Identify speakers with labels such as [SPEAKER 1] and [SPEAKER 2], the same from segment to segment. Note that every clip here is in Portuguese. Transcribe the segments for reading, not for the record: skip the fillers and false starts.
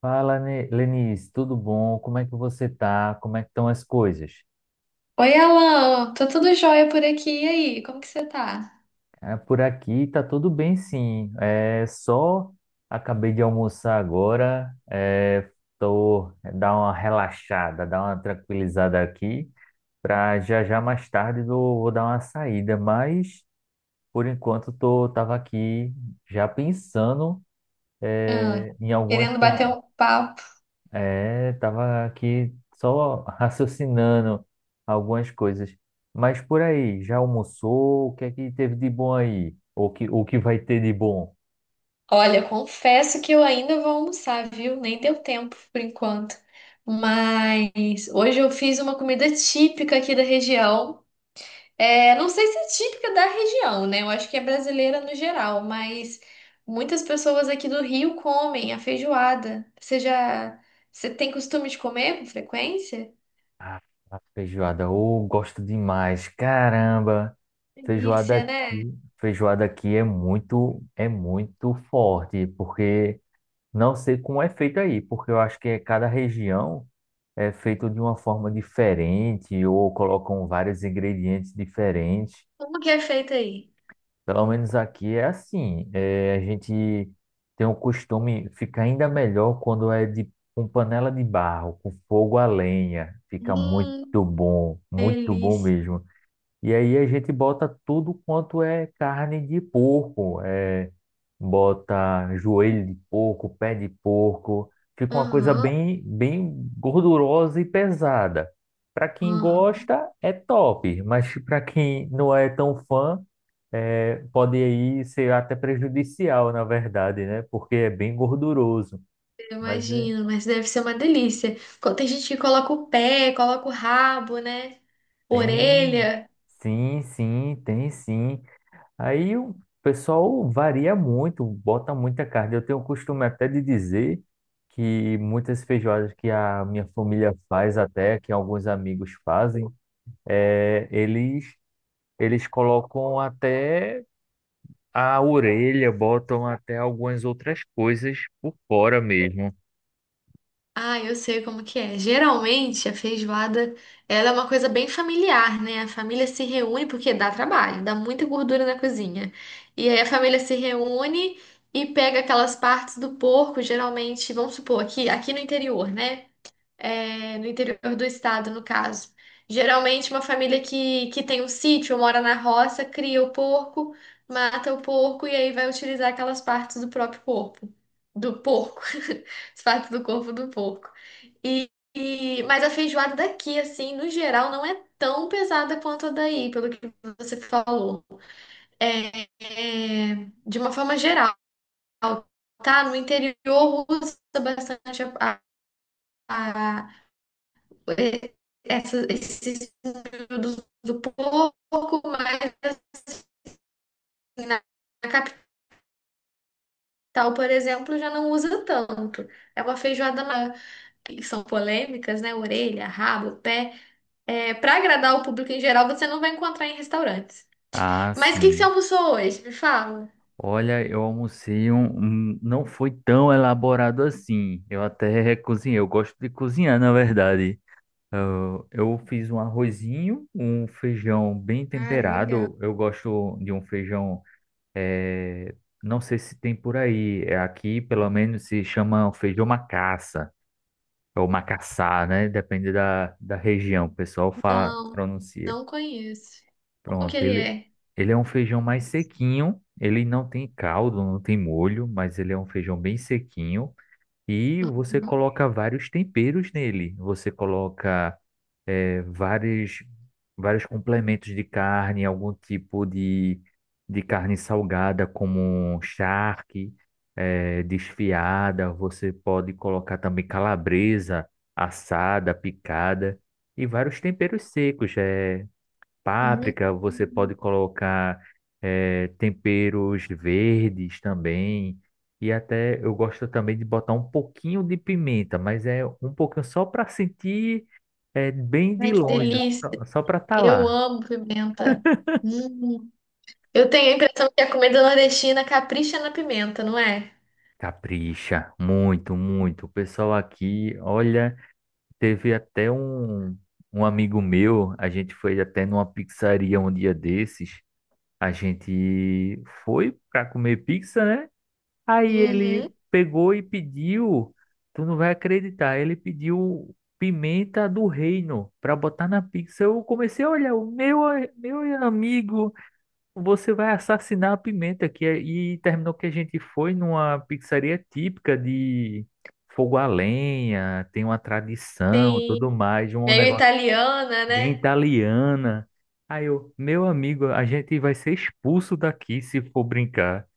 [SPEAKER 1] Fala, Lenice, tudo bom? Como é que você tá? Como é que estão as coisas?
[SPEAKER 2] Oi, Alan, tô tudo jóia por aqui. E aí, como que você tá?
[SPEAKER 1] Ah, por aqui tá tudo bem, sim. É só Acabei de almoçar agora, tô dar uma relaxada, dar uma tranquilizada aqui, para já já mais tarde eu vou dar uma saída, mas por enquanto tô tava aqui já pensando
[SPEAKER 2] Ah,
[SPEAKER 1] em
[SPEAKER 2] querendo bater um papo.
[SPEAKER 1] É, tava aqui só raciocinando algumas coisas. Mas por aí, já almoçou? O que é que teve de bom aí? O que vai ter de bom?
[SPEAKER 2] Olha, confesso que eu ainda vou almoçar, viu? Nem deu tempo por enquanto. Mas hoje eu fiz uma comida típica aqui da região. É, não sei se é típica da região, né? Eu acho que é brasileira no geral, mas muitas pessoas aqui do Rio comem a feijoada. Você tem costume de comer com frequência?
[SPEAKER 1] Ah, feijoada. Ou gosto demais. Caramba,
[SPEAKER 2] Delícia, né?
[SPEAKER 1] feijoada aqui é é muito forte, porque não sei como é feito aí, porque eu acho que é cada região é feito de uma forma diferente ou colocam vários ingredientes diferentes.
[SPEAKER 2] Como que é feita aí?
[SPEAKER 1] Pelo menos aqui é assim. A gente tem o costume, fica ainda melhor quando é de com panela de barro, com fogo a lenha. Fica
[SPEAKER 2] Hum,
[SPEAKER 1] muito bom
[SPEAKER 2] delícia.
[SPEAKER 1] mesmo. E aí a gente bota tudo quanto é carne de porco. Bota joelho de porco, pé de porco. Fica uma coisa
[SPEAKER 2] Aham,
[SPEAKER 1] bem gordurosa e pesada. Para quem
[SPEAKER 2] aham.
[SPEAKER 1] gosta, é top, mas para quem não é tão fã pode aí ser até prejudicial, na verdade, né? Porque é bem gorduroso.
[SPEAKER 2] Eu
[SPEAKER 1] Mas
[SPEAKER 2] imagino, mas deve ser uma delícia. Co- Tem gente que coloca o pé, coloca o rabo, né?
[SPEAKER 1] tem,
[SPEAKER 2] Orelha.
[SPEAKER 1] sim, sim, tem sim. Aí o pessoal varia muito, bota muita carne. Eu tenho o costume até de dizer que muitas feijoadas que a minha família faz até, que alguns amigos fazem, é, eles, eles colocam até a orelha, botam até algumas outras coisas por fora mesmo.
[SPEAKER 2] Ah, eu sei como que é. Geralmente a feijoada, ela é uma coisa bem familiar, né? A família se reúne porque dá trabalho, dá muita gordura na cozinha. E aí a família se reúne e pega aquelas partes do porco, geralmente, vamos supor, aqui no interior, né? É, no interior do estado, no caso. Geralmente, uma família que tem um sítio, ou mora na roça, cria o porco, mata o porco e aí vai utilizar aquelas partes do próprio corpo, do porco, as partes do corpo do porco. E, mas a feijoada daqui, assim, no geral, não é tão pesada quanto a daí, pelo que você falou. É, é, de uma forma geral, tá? No interior usa bastante a- essa, esses períodos do pouco, mais na, capital, por exemplo, já não usa tanto. É uma feijoada na- que são polêmicas, né? Orelha, rabo, pé. É, para agradar o público em geral, você não vai encontrar em restaurantes.
[SPEAKER 1] Ah,
[SPEAKER 2] Mas o que que você
[SPEAKER 1] sim.
[SPEAKER 2] almoçou hoje? Me fala.
[SPEAKER 1] Olha, eu almocei não foi tão elaborado assim. Eu até cozinhei. Eu gosto de cozinhar, na verdade. Eu fiz um arrozinho, um feijão bem
[SPEAKER 2] Ah, legal.
[SPEAKER 1] temperado. Eu gosto de um feijão. eh, Não sei se tem por aí. Aqui, pelo menos, se chama feijão macaça. Ou macaçá, né? Depende da, da região. O pessoal fala,
[SPEAKER 2] Não,
[SPEAKER 1] pronuncia.
[SPEAKER 2] não conheço. Como que
[SPEAKER 1] Pronto,
[SPEAKER 2] ele é?
[SPEAKER 1] ele é um feijão mais sequinho, ele não tem caldo, não tem molho, mas ele é um feijão bem sequinho e você
[SPEAKER 2] Uhum.
[SPEAKER 1] coloca vários temperos nele. Você coloca eh, vários, vários complementos de carne, algum tipo de carne salgada, como um charque, desfiada. Você pode colocar também calabresa assada, picada e vários temperos secos.
[SPEAKER 2] Hum,
[SPEAKER 1] Páprica, você pode colocar temperos verdes também. E até eu gosto também de botar um pouquinho de pimenta, mas é um pouquinho só para sentir bem de
[SPEAKER 2] ai, que
[SPEAKER 1] longe,
[SPEAKER 2] delícia.
[SPEAKER 1] só para estar
[SPEAKER 2] Eu
[SPEAKER 1] lá.
[SPEAKER 2] amo pimenta. Hum. Hum. Eu tenho a impressão que a comida nordestina capricha na pimenta, não é?
[SPEAKER 1] Capricha, muito, muito. O pessoal aqui, olha, teve até um amigo meu, a gente foi até numa pizzaria um dia desses. A gente foi para comer pizza, né? Aí ele
[SPEAKER 2] Uhum,
[SPEAKER 1] pegou e pediu, tu não vai acreditar, ele pediu pimenta do reino para botar na pizza. Eu comecei a olhar, meu amigo, você vai assassinar a pimenta aqui. E terminou que a gente foi numa pizzaria típica de fogo a lenha, tem uma tradição, tudo
[SPEAKER 2] sim.
[SPEAKER 1] mais, um
[SPEAKER 2] Meio
[SPEAKER 1] negócio
[SPEAKER 2] italiana,
[SPEAKER 1] bem
[SPEAKER 2] né?
[SPEAKER 1] italiana. Aí eu, meu amigo, a gente vai ser expulso daqui se for brincar.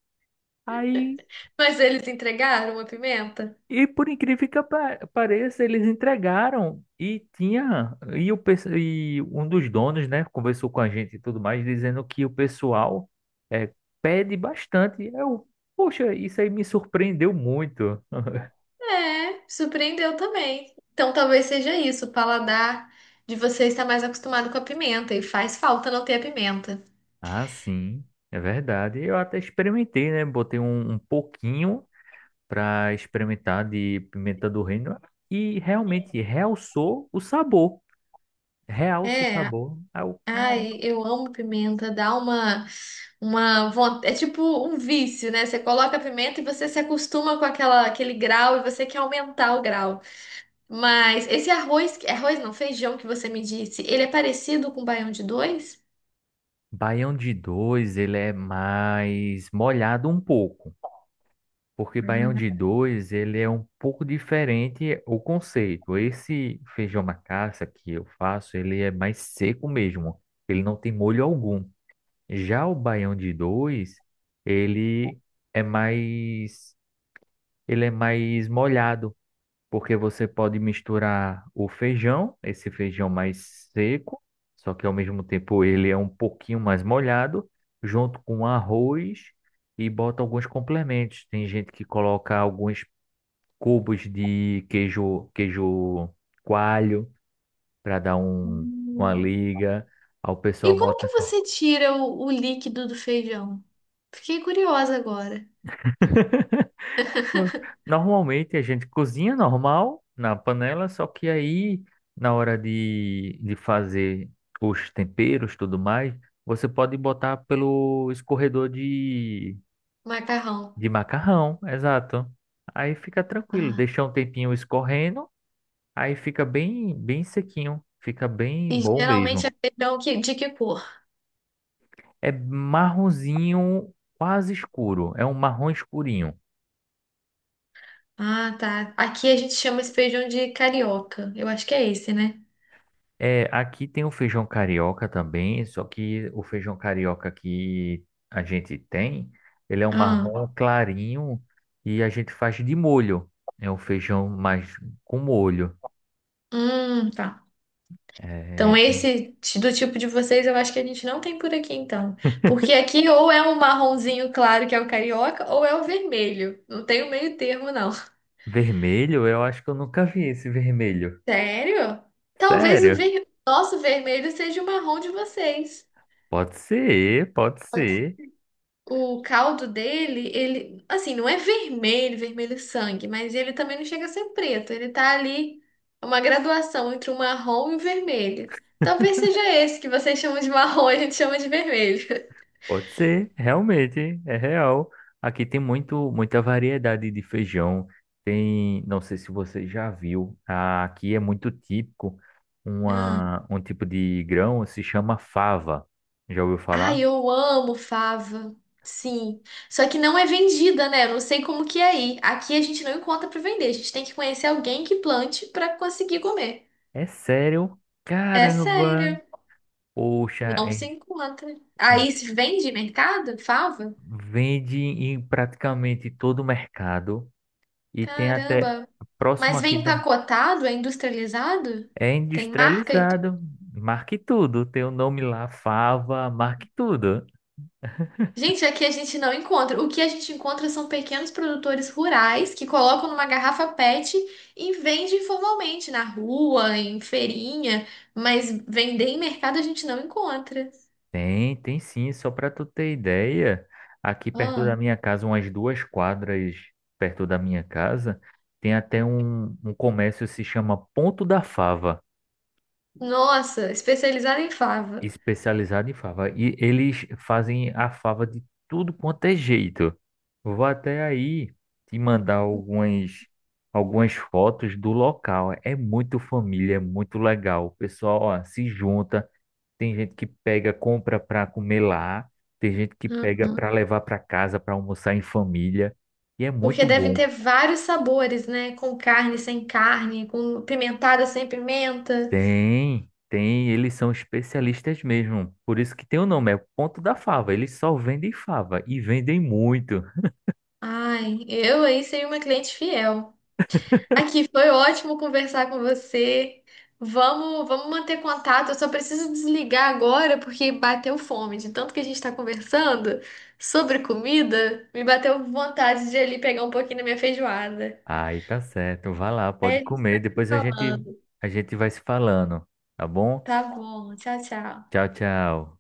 [SPEAKER 1] Aí
[SPEAKER 2] Mas eles entregaram a pimenta?
[SPEAKER 1] e por incrível que pareça, eles entregaram e tinha e, o, pes- e um dos donos, né, conversou com a gente e tudo mais, dizendo que o pessoal é, pede bastante. Eu, poxa, isso aí me surpreendeu muito.
[SPEAKER 2] É, surpreendeu também. Então talvez seja isso, o paladar de você está mais acostumado com a pimenta e faz falta não ter a pimenta.
[SPEAKER 1] Ah, sim, é verdade. Eu até experimentei, né? Botei um pouquinho para experimentar de pimenta do reino e realmente realçou o sabor. Realça o
[SPEAKER 2] É,
[SPEAKER 1] sabor. Ah, o cara.
[SPEAKER 2] ai, eu amo pimenta, dá uma vontade, é tipo um vício, né? Você coloca a pimenta e você se acostuma com aquela aquele grau e você quer aumentar o grau. Mas esse arroz, arroz não, feijão que você me disse, ele é parecido com o baião de dois?
[SPEAKER 1] Baião de dois, ele é mais molhado um pouco, porque Baião de dois, ele é um pouco diferente o conceito. Esse feijão macaça que eu faço, ele é mais seco mesmo, ele não tem molho algum. Já o Baião de dois, ele é mais, ele é mais molhado porque você pode misturar o feijão, esse feijão mais seco, só que ao mesmo tempo ele é um pouquinho mais molhado, junto com arroz e bota alguns complementos. Tem gente que coloca alguns cubos de queijo, queijo coalho para dar um, uma
[SPEAKER 2] Hum.
[SPEAKER 1] liga. Aí o
[SPEAKER 2] E
[SPEAKER 1] pessoal
[SPEAKER 2] como
[SPEAKER 1] bota.
[SPEAKER 2] que você tira o líquido do feijão? Fiquei curiosa agora.
[SPEAKER 1] Pronto. Normalmente a gente cozinha normal na panela, só que aí na hora de fazer os temperos, tudo mais, você pode botar pelo escorredor
[SPEAKER 2] Macarrão.
[SPEAKER 1] de macarrão, exato. Aí fica tranquilo,
[SPEAKER 2] Ah,
[SPEAKER 1] deixa um tempinho escorrendo, aí fica bem sequinho, fica bem
[SPEAKER 2] e
[SPEAKER 1] bom
[SPEAKER 2] geralmente é
[SPEAKER 1] mesmo.
[SPEAKER 2] feijão que, de que cor?
[SPEAKER 1] É marronzinho, quase escuro, é um marrom escurinho.
[SPEAKER 2] Ah, tá. Aqui a gente chama esse feijão de carioca. Eu acho que é esse, né?
[SPEAKER 1] É, aqui tem o feijão carioca também, só que o feijão carioca que a gente tem, ele é um marrom
[SPEAKER 2] Ah,
[SPEAKER 1] clarinho e a gente faz de molho. É um feijão mais com molho.
[SPEAKER 2] tá. Então,
[SPEAKER 1] É,
[SPEAKER 2] do tipo de vocês eu acho que a gente não tem por aqui, então. Porque aqui ou é um marronzinho claro, que é o carioca, ou é o vermelho. Não tem o meio termo, não.
[SPEAKER 1] vermelho, eu acho que eu nunca vi esse vermelho.
[SPEAKER 2] Sério? Talvez o
[SPEAKER 1] Sério?
[SPEAKER 2] ver... nosso vermelho seja o marrom de vocês.
[SPEAKER 1] Pode ser, pode ser.
[SPEAKER 2] O caldo dele, ele, assim, não é vermelho, vermelho sangue, mas ele também não chega a ser preto. Ele tá ali, é uma graduação entre o marrom e o vermelho. Talvez seja esse que vocês chamam de marrom e a gente chama de vermelho.
[SPEAKER 1] Pode ser, realmente, é real. Aqui tem muito, muita variedade de feijão. Tem, não sei se você já viu, ah, aqui é muito típico
[SPEAKER 2] Ah.
[SPEAKER 1] uma, um tipo de grão, se chama fava. Já ouviu falar?
[SPEAKER 2] Ai, eu amo fava. Sim. Só que não é vendida, né? Eu não sei como que é aí. Aqui a gente não encontra pra vender. A gente tem que conhecer alguém que plante pra conseguir comer.
[SPEAKER 1] É sério?
[SPEAKER 2] É
[SPEAKER 1] Caramba!
[SPEAKER 2] sério,
[SPEAKER 1] Poxa,
[SPEAKER 2] não se encontra.
[SPEAKER 1] é-
[SPEAKER 2] Aí se vende mercado, fava?
[SPEAKER 1] vende em praticamente todo o mercado e tem até
[SPEAKER 2] Caramba.
[SPEAKER 1] próximo
[SPEAKER 2] Mas
[SPEAKER 1] aqui
[SPEAKER 2] vem
[SPEAKER 1] da.
[SPEAKER 2] empacotado, é industrializado?
[SPEAKER 1] É
[SPEAKER 2] Tem marca?
[SPEAKER 1] industrializado. Marque tudo. Tem o nome lá, fava, marque tudo.
[SPEAKER 2] Gente, aqui a gente não encontra. O que a gente encontra são pequenos produtores rurais que colocam numa garrafa PET e vendem informalmente na rua, em feirinha, mas vender em mercado a gente não encontra.
[SPEAKER 1] Tem, tem sim, só para tu ter ideia, aqui perto da
[SPEAKER 2] Ah,
[SPEAKER 1] minha casa, umas duas quadras perto da minha casa, tem até um comércio que se chama Ponto da Fava,
[SPEAKER 2] nossa, especializada em fava.
[SPEAKER 1] especializado em fava. E eles fazem a fava de tudo quanto é jeito. Vou até aí te mandar algumas fotos do local. É muito família, é muito legal. O pessoal, ó, se junta. Tem gente que pega, compra para comer lá, tem gente que pega
[SPEAKER 2] Ah,
[SPEAKER 1] para levar para casa para almoçar em família, e é
[SPEAKER 2] porque
[SPEAKER 1] muito
[SPEAKER 2] devem
[SPEAKER 1] bom.
[SPEAKER 2] ter vários sabores, né? Com carne, sem carne, com pimentada, sem pimenta.
[SPEAKER 1] Tem, tem, eles são especialistas mesmo. Por isso que tem o nome, é o Ponto da Fava. Eles só vendem fava e vendem muito.
[SPEAKER 2] Ai, eu aí seria uma cliente fiel. Aqui foi ótimo conversar com você. Vamos manter contato. Eu só preciso desligar agora porque bateu fome. De tanto que a gente está conversando sobre comida, me bateu vontade de ir ali pegar um pouquinho da minha feijoada.
[SPEAKER 1] Aí tá certo, vai lá,
[SPEAKER 2] Aí
[SPEAKER 1] pode
[SPEAKER 2] a gente
[SPEAKER 1] comer,
[SPEAKER 2] vai se
[SPEAKER 1] depois
[SPEAKER 2] falando.
[SPEAKER 1] a gente vai se falando, tá bom?
[SPEAKER 2] Tá bom. Tchau, tchau.
[SPEAKER 1] Tchau, tchau.